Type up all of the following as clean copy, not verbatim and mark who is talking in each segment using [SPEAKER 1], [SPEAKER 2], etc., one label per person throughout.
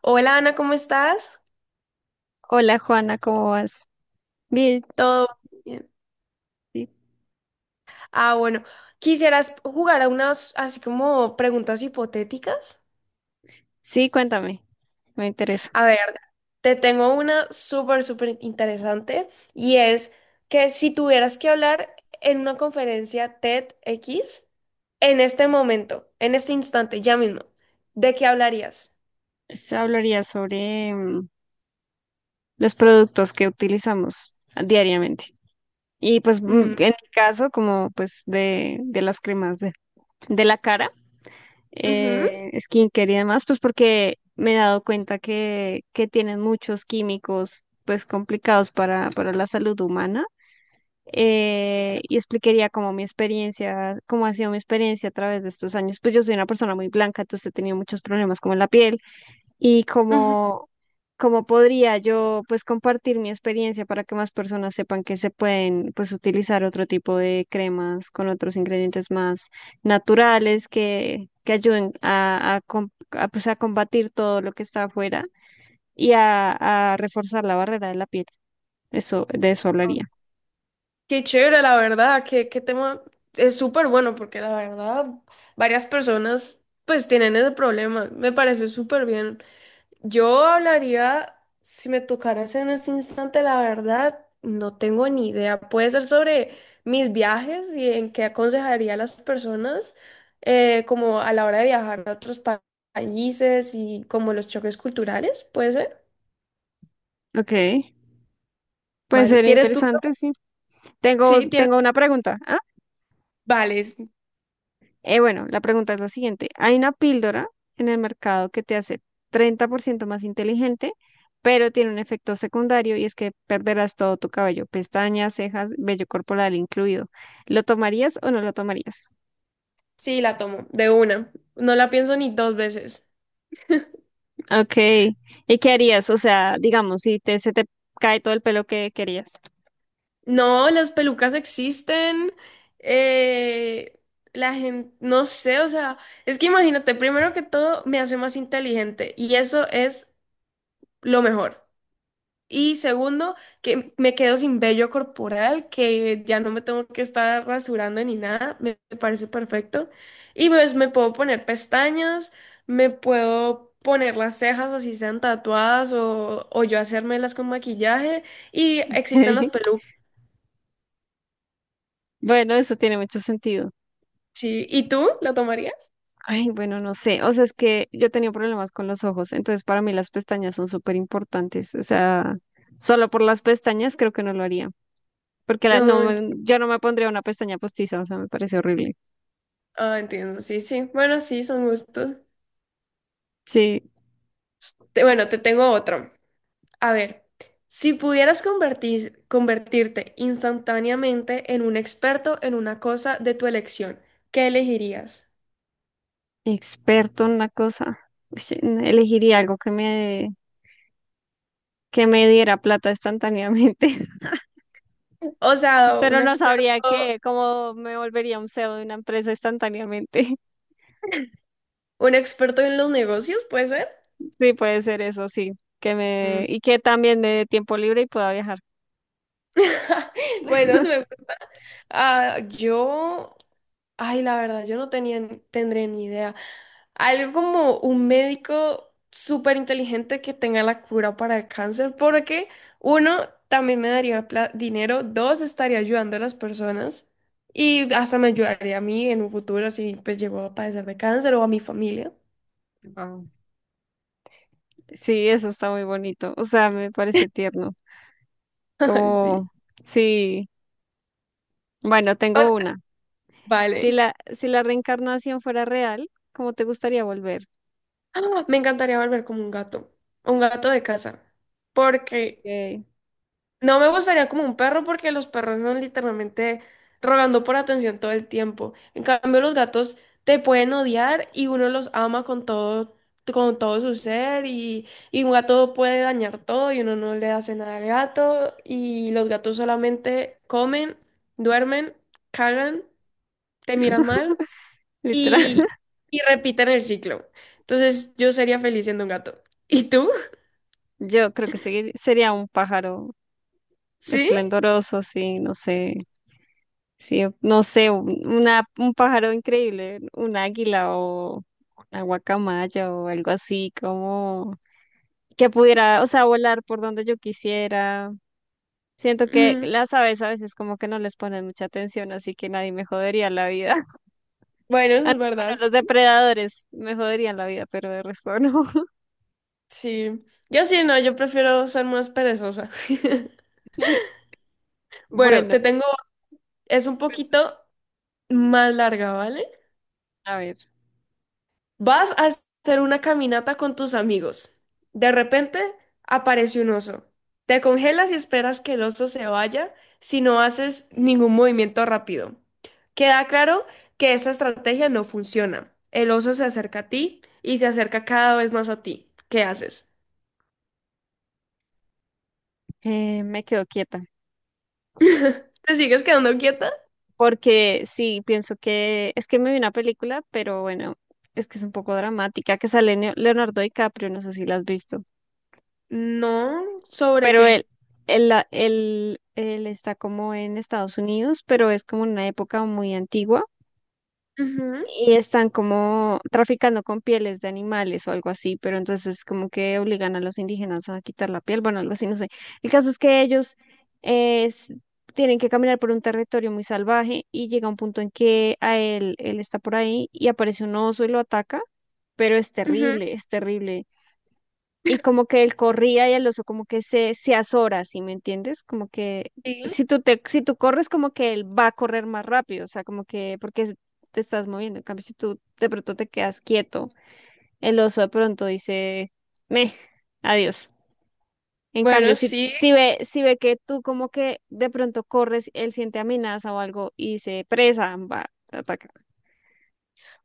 [SPEAKER 1] Hola Ana, ¿cómo estás?
[SPEAKER 2] Hola Juana, ¿cómo vas? Bien,
[SPEAKER 1] Todo bien.
[SPEAKER 2] sí.
[SPEAKER 1] Bueno, ¿quisieras jugar a unas así como preguntas hipotéticas?
[SPEAKER 2] Sí, cuéntame, me interesa.
[SPEAKER 1] A ver, te tengo una súper, súper interesante y es que si tuvieras que hablar en una conferencia TEDx en este momento, en este instante, ya mismo, ¿de qué hablarías?
[SPEAKER 2] Se hablaría sobre los productos que utilizamos diariamente. Y pues
[SPEAKER 1] Mm,
[SPEAKER 2] en mi caso, como pues de las cremas de la cara,
[SPEAKER 1] ujú,
[SPEAKER 2] skincare y demás, pues porque me he dado cuenta que tienen muchos químicos pues complicados para la salud humana. Y explicaría cómo mi experiencia, cómo ha sido mi experiencia a través de estos años. Pues yo soy una persona muy blanca, entonces he tenido muchos problemas con la piel y
[SPEAKER 1] ujú.
[SPEAKER 2] cómo, cómo podría yo pues compartir mi experiencia para que más personas sepan que se pueden pues utilizar otro tipo de cremas con otros ingredientes más naturales que ayuden a pues, a combatir todo lo que está afuera y a reforzar la barrera de la piel. Eso, de eso hablaría.
[SPEAKER 1] Qué chévere, la verdad, qué, qué tema es súper bueno porque la verdad varias personas pues tienen ese problema, me parece súper bien. Yo hablaría, si me tocaras en este instante, la verdad, no tengo ni idea. Puede ser sobre mis viajes y en qué aconsejaría a las personas como a la hora de viajar a otros países y como los choques culturales, puede ser.
[SPEAKER 2] Ok. Puede
[SPEAKER 1] Vale,
[SPEAKER 2] ser
[SPEAKER 1] ¿tienes tú?
[SPEAKER 2] interesante, sí. Tengo,
[SPEAKER 1] Sí, tienes.
[SPEAKER 2] tengo una pregunta.
[SPEAKER 1] Vale.
[SPEAKER 2] Bueno, la pregunta es la siguiente. Hay una píldora en el mercado que te hace 30% más inteligente, pero tiene un efecto secundario y es que perderás todo tu cabello, pestañas, cejas, vello corporal incluido. ¿Lo tomarías o no lo tomarías?
[SPEAKER 1] Sí, la tomo, de una. No la pienso ni dos veces.
[SPEAKER 2] Ok. ¿Y qué harías? O sea, digamos, si te, se te cae todo el pelo que querías.
[SPEAKER 1] No, las pelucas existen. eh, la gente, no sé, o sea, es que imagínate, primero que todo me hace más inteligente y eso es lo mejor. Y segundo, que me quedo sin vello corporal, que ya no me tengo que estar rasurando ni nada, me parece perfecto. Y pues me puedo poner pestañas, me puedo poner las cejas así sean tatuadas o yo hacérmelas con maquillaje y existen las pelucas,
[SPEAKER 2] Bueno, eso tiene mucho sentido.
[SPEAKER 1] sí. ¿Y tú la tomarías?
[SPEAKER 2] Ay, bueno, no sé. O sea, es que yo he tenido problemas con los ojos, entonces para mí las pestañas son súper importantes. O sea, solo por las pestañas creo que no lo haría, porque
[SPEAKER 1] No,
[SPEAKER 2] yo no me pondría una pestaña postiza, o sea, me parece horrible.
[SPEAKER 1] entiendo, sí, sí. Bueno, sí, son gustos.
[SPEAKER 2] Sí,
[SPEAKER 1] Bueno, te tengo otro. A ver, si pudieras convertirte instantáneamente en un experto en una cosa de tu elección, ¿qué elegirías?
[SPEAKER 2] experto en una cosa. Uy, sí, elegiría algo que me diera plata instantáneamente,
[SPEAKER 1] O sea,
[SPEAKER 2] pero no sabría qué, cómo me volvería un CEO de una empresa instantáneamente.
[SPEAKER 1] un experto en los negocios, ¿puede ser?
[SPEAKER 2] Sí, puede ser eso, sí. Que
[SPEAKER 1] Mm.
[SPEAKER 2] me, y que también me dé tiempo libre y pueda viajar.
[SPEAKER 1] Bueno, se me gusta. Ah, yo, la verdad, yo no tenía, tendré ni idea. Algo como un médico súper inteligente que tenga la cura para el cáncer, porque uno, también me daría dinero, dos, estaría ayudando a las personas y hasta me ayudaría a mí en un futuro si pues llego a padecer de cáncer o a mi familia.
[SPEAKER 2] Wow. Sí, eso está muy bonito. O sea, me parece tierno.
[SPEAKER 1] Ay, sí.
[SPEAKER 2] Como, sí, bueno,
[SPEAKER 1] O sea,
[SPEAKER 2] tengo una.
[SPEAKER 1] vale.
[SPEAKER 2] Si la reencarnación fuera real, ¿cómo te gustaría volver?
[SPEAKER 1] Me encantaría volver como un gato de casa,
[SPEAKER 2] Ok.
[SPEAKER 1] porque no me gustaría como un perro porque los perros son literalmente rogando por atención todo el tiempo. En cambio, los gatos te pueden odiar y uno los ama con todo su ser y un gato puede dañar todo y uno no le hace nada al gato y los gatos solamente comen, duermen, cagan, te miran mal
[SPEAKER 2] Literal.
[SPEAKER 1] y, y repiten el ciclo. Entonces, yo sería feliz siendo un gato. ¿Y tú?
[SPEAKER 2] Yo creo que sería un pájaro
[SPEAKER 1] ¿Sí?
[SPEAKER 2] esplendoroso, sí, no sé. Sí, no sé, un pájaro increíble, un águila o una guacamaya o algo así, como que pudiera, o sea, volar por donde yo quisiera. Siento que
[SPEAKER 1] Mm,
[SPEAKER 2] las aves a veces como que no les ponen mucha atención, así que nadie me jodería la vida.
[SPEAKER 1] bueno, eso
[SPEAKER 2] Ah,
[SPEAKER 1] es verdad.
[SPEAKER 2] bueno, los depredadores me joderían la vida, pero de resto no.
[SPEAKER 1] Sí, yo sí, no, yo prefiero ser más perezosa. Bueno,
[SPEAKER 2] Bueno,
[SPEAKER 1] te tengo, es un poquito más larga, ¿vale?
[SPEAKER 2] a ver,
[SPEAKER 1] Vas a hacer una caminata con tus amigos. De repente aparece un oso. Te congelas y esperas que el oso se vaya si no haces ningún movimiento rápido. Queda claro que esta estrategia no funciona. El oso se acerca a ti y se acerca cada vez más a ti. ¿Qué haces?
[SPEAKER 2] me quedo quieta,
[SPEAKER 1] ¿Te sigues quedando quieta?
[SPEAKER 2] porque sí, pienso que es que me vi una película, pero bueno, es que es un poco dramática, que sale Leonardo DiCaprio, no sé si la has visto,
[SPEAKER 1] No, ¿sobre
[SPEAKER 2] pero
[SPEAKER 1] qué?
[SPEAKER 2] él está como en Estados Unidos, pero es como en una época muy antigua
[SPEAKER 1] Ujú.
[SPEAKER 2] y están como traficando con pieles de animales o algo así, pero entonces como que obligan a los indígenas a quitar la piel, bueno, algo así, no sé. El caso es que ellos eh, s- tienen que caminar por un territorio muy salvaje y llega un punto en que a él, él está por ahí y aparece un oso y lo ataca, pero
[SPEAKER 1] Ujú,
[SPEAKER 2] es terrible y como que él corría y el oso como que se azora, ¿sí me entiendes? Como que
[SPEAKER 1] sí.
[SPEAKER 2] si tú corres, como que él va a correr más rápido, o sea, como que te estás moviendo. En cambio, si tú de pronto te quedas quieto, el oso de pronto dice, meh, adiós. En cambio,
[SPEAKER 1] Bueno, sí,
[SPEAKER 2] si ve, si ve que tú como que de pronto corres, él siente amenaza o algo y dice, presa, va, te ataca.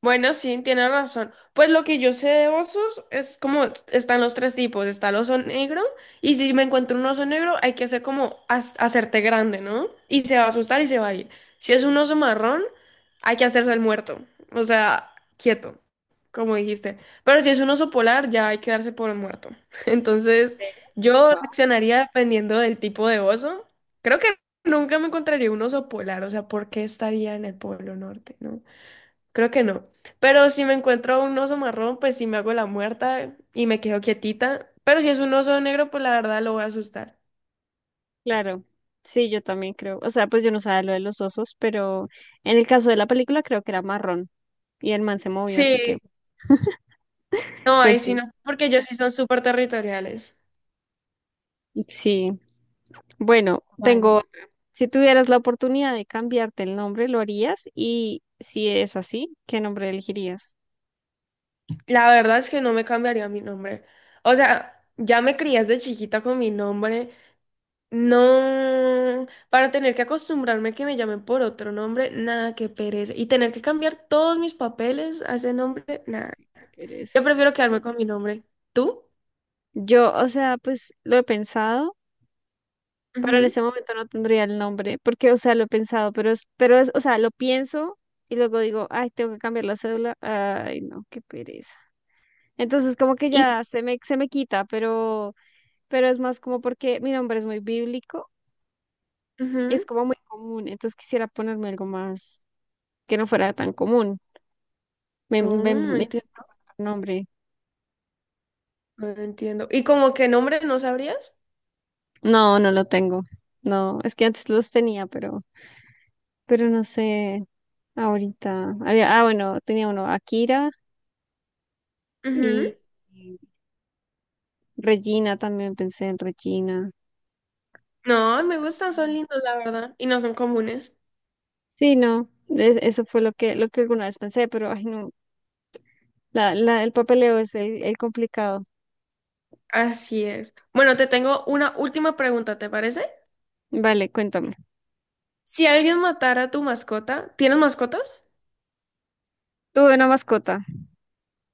[SPEAKER 1] bueno, sí, tiene razón. Pues lo que yo sé de osos es como están los tres tipos. Está el oso negro y si me encuentro un oso negro hay que hacer como hacerte grande, ¿no? Y se va a asustar y se va a ir. Si es un oso marrón, hay que hacerse el muerto. O sea, quieto, como dijiste. Pero si es un oso polar, ya hay que darse por un muerto.
[SPEAKER 2] ¿En
[SPEAKER 1] Entonces,
[SPEAKER 2] serio?
[SPEAKER 1] yo reaccionaría dependiendo del tipo de oso. Creo que nunca me encontraría un oso polar. O sea, ¿por qué estaría en el Polo Norte, no? Creo que no. Pero si me encuentro un oso marrón, pues sí me hago la muerta y me quedo quietita. Pero si es un oso negro, pues la verdad lo voy a asustar.
[SPEAKER 2] Claro, sí, yo también creo. O sea, pues yo no sabía lo de los osos, pero en el caso de la película creo que era marrón y el man se movió, así que,
[SPEAKER 1] Sí, no,
[SPEAKER 2] pues
[SPEAKER 1] ahí sí
[SPEAKER 2] sí.
[SPEAKER 1] no, porque ellos sí son súper territoriales.
[SPEAKER 2] Sí, bueno,
[SPEAKER 1] Vale.
[SPEAKER 2] tengo, otra. Si tuvieras la oportunidad de cambiarte el nombre, ¿lo harías? Y si es así, ¿qué nombre elegirías?
[SPEAKER 1] La verdad es que no me cambiaría mi nombre. O sea, ya me crié de chiquita con mi nombre. No, para tener que acostumbrarme que me llamen por otro nombre, nada, que pereza. Y tener que cambiar todos mis papeles a ese nombre,
[SPEAKER 2] Pues
[SPEAKER 1] nada.
[SPEAKER 2] sí, qué pereza.
[SPEAKER 1] Yo prefiero quedarme con mi nombre. ¿Tú?
[SPEAKER 2] Yo, o sea, pues lo he pensado, pero en
[SPEAKER 1] Ujú.
[SPEAKER 2] ese momento no tendría el nombre, porque, o sea, lo he pensado, pero es, o sea, lo pienso y luego digo, ay, tengo que cambiar la cédula. Ay, no, qué pereza. Entonces como que
[SPEAKER 1] Y,
[SPEAKER 2] ya se me quita, pero es más como porque mi nombre es muy bíblico y es
[SPEAKER 1] ujú.
[SPEAKER 2] como muy común. Entonces quisiera ponerme algo más que no fuera tan común. Me
[SPEAKER 1] Oh,
[SPEAKER 2] invento
[SPEAKER 1] entiendo,
[SPEAKER 2] un nombre.
[SPEAKER 1] entiendo. ¿Y como qué nombre no sabrías?
[SPEAKER 2] No, no lo tengo. No, es que antes los tenía, pero no sé ahorita. Había, ah, bueno, tenía uno, Akira
[SPEAKER 1] Ujú.
[SPEAKER 2] y y Regina, también pensé en Regina.
[SPEAKER 1] No, me gustan, son lindos, la verdad, y no son comunes.
[SPEAKER 2] Sí, no, eso fue lo que alguna vez pensé, pero ay no, el papeleo es el complicado.
[SPEAKER 1] Así es. Bueno, te tengo una última pregunta, ¿te parece?
[SPEAKER 2] Vale, cuéntame.
[SPEAKER 1] Si alguien matara a tu mascota, ¿tienes mascotas?
[SPEAKER 2] Tuve una mascota.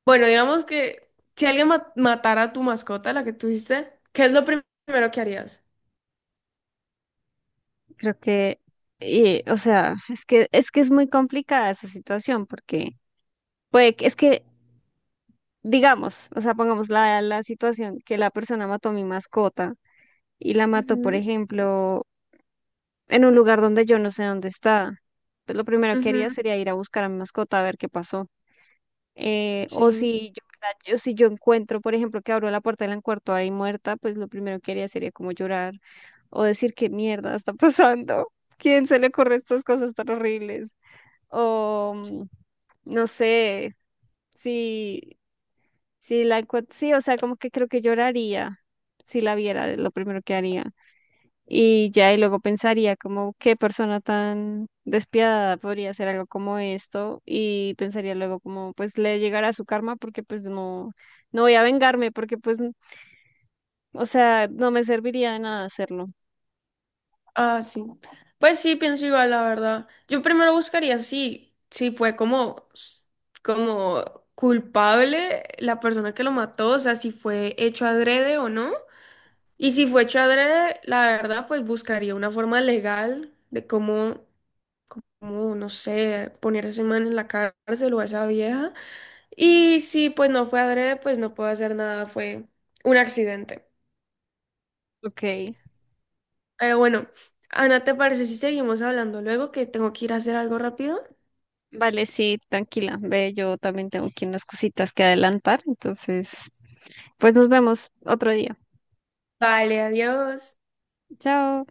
[SPEAKER 1] Bueno, digamos que si alguien matara a tu mascota, la que tuviste, ¿qué es lo primero que harías?
[SPEAKER 2] Creo que, y, o sea, es que es muy complicada esa situación porque puede que, es que, digamos, o sea, pongamos la situación que la persona mató a mi mascota y la mató, por
[SPEAKER 1] Ujú,
[SPEAKER 2] ejemplo, en un lugar donde yo no sé dónde está. Pues lo primero que
[SPEAKER 1] ujú,
[SPEAKER 2] haría sería ir a buscar a mi mascota a ver qué pasó. O
[SPEAKER 1] sí.
[SPEAKER 2] si yo, si yo encuentro, por ejemplo, que abro la puerta y la ahí muerta, pues lo primero que haría sería como llorar o decir qué mierda está pasando, quién se le ocurre estas cosas tan horribles, o no sé, si, si la encuentro, sí, o sea, como que creo que lloraría si la viera, es lo primero que haría. Y ya, y luego pensaría como qué persona tan despiadada podría hacer algo como esto y pensaría luego como pues le llegará su karma porque pues no, no voy a vengarme porque o sea, no me serviría de nada hacerlo.
[SPEAKER 1] Ah, sí. Pues sí, pienso igual, la verdad. Yo primero buscaría si, si fue como, como culpable la persona que lo mató, o sea, si fue hecho adrede o no. Y si fue hecho adrede, la verdad, pues buscaría una forma legal de cómo, cómo, no sé, poner a ese man en la cárcel o a esa vieja. Y si pues no fue adrede, pues no puedo hacer nada, fue un accidente.
[SPEAKER 2] Ok,
[SPEAKER 1] Pero bueno, Ana, ¿te parece si seguimos hablando luego que tengo que ir a hacer algo rápido?
[SPEAKER 2] vale, sí, tranquila, ve, yo también tengo aquí unas cositas que adelantar, entonces pues nos vemos otro día.
[SPEAKER 1] Vale, adiós.
[SPEAKER 2] Chao.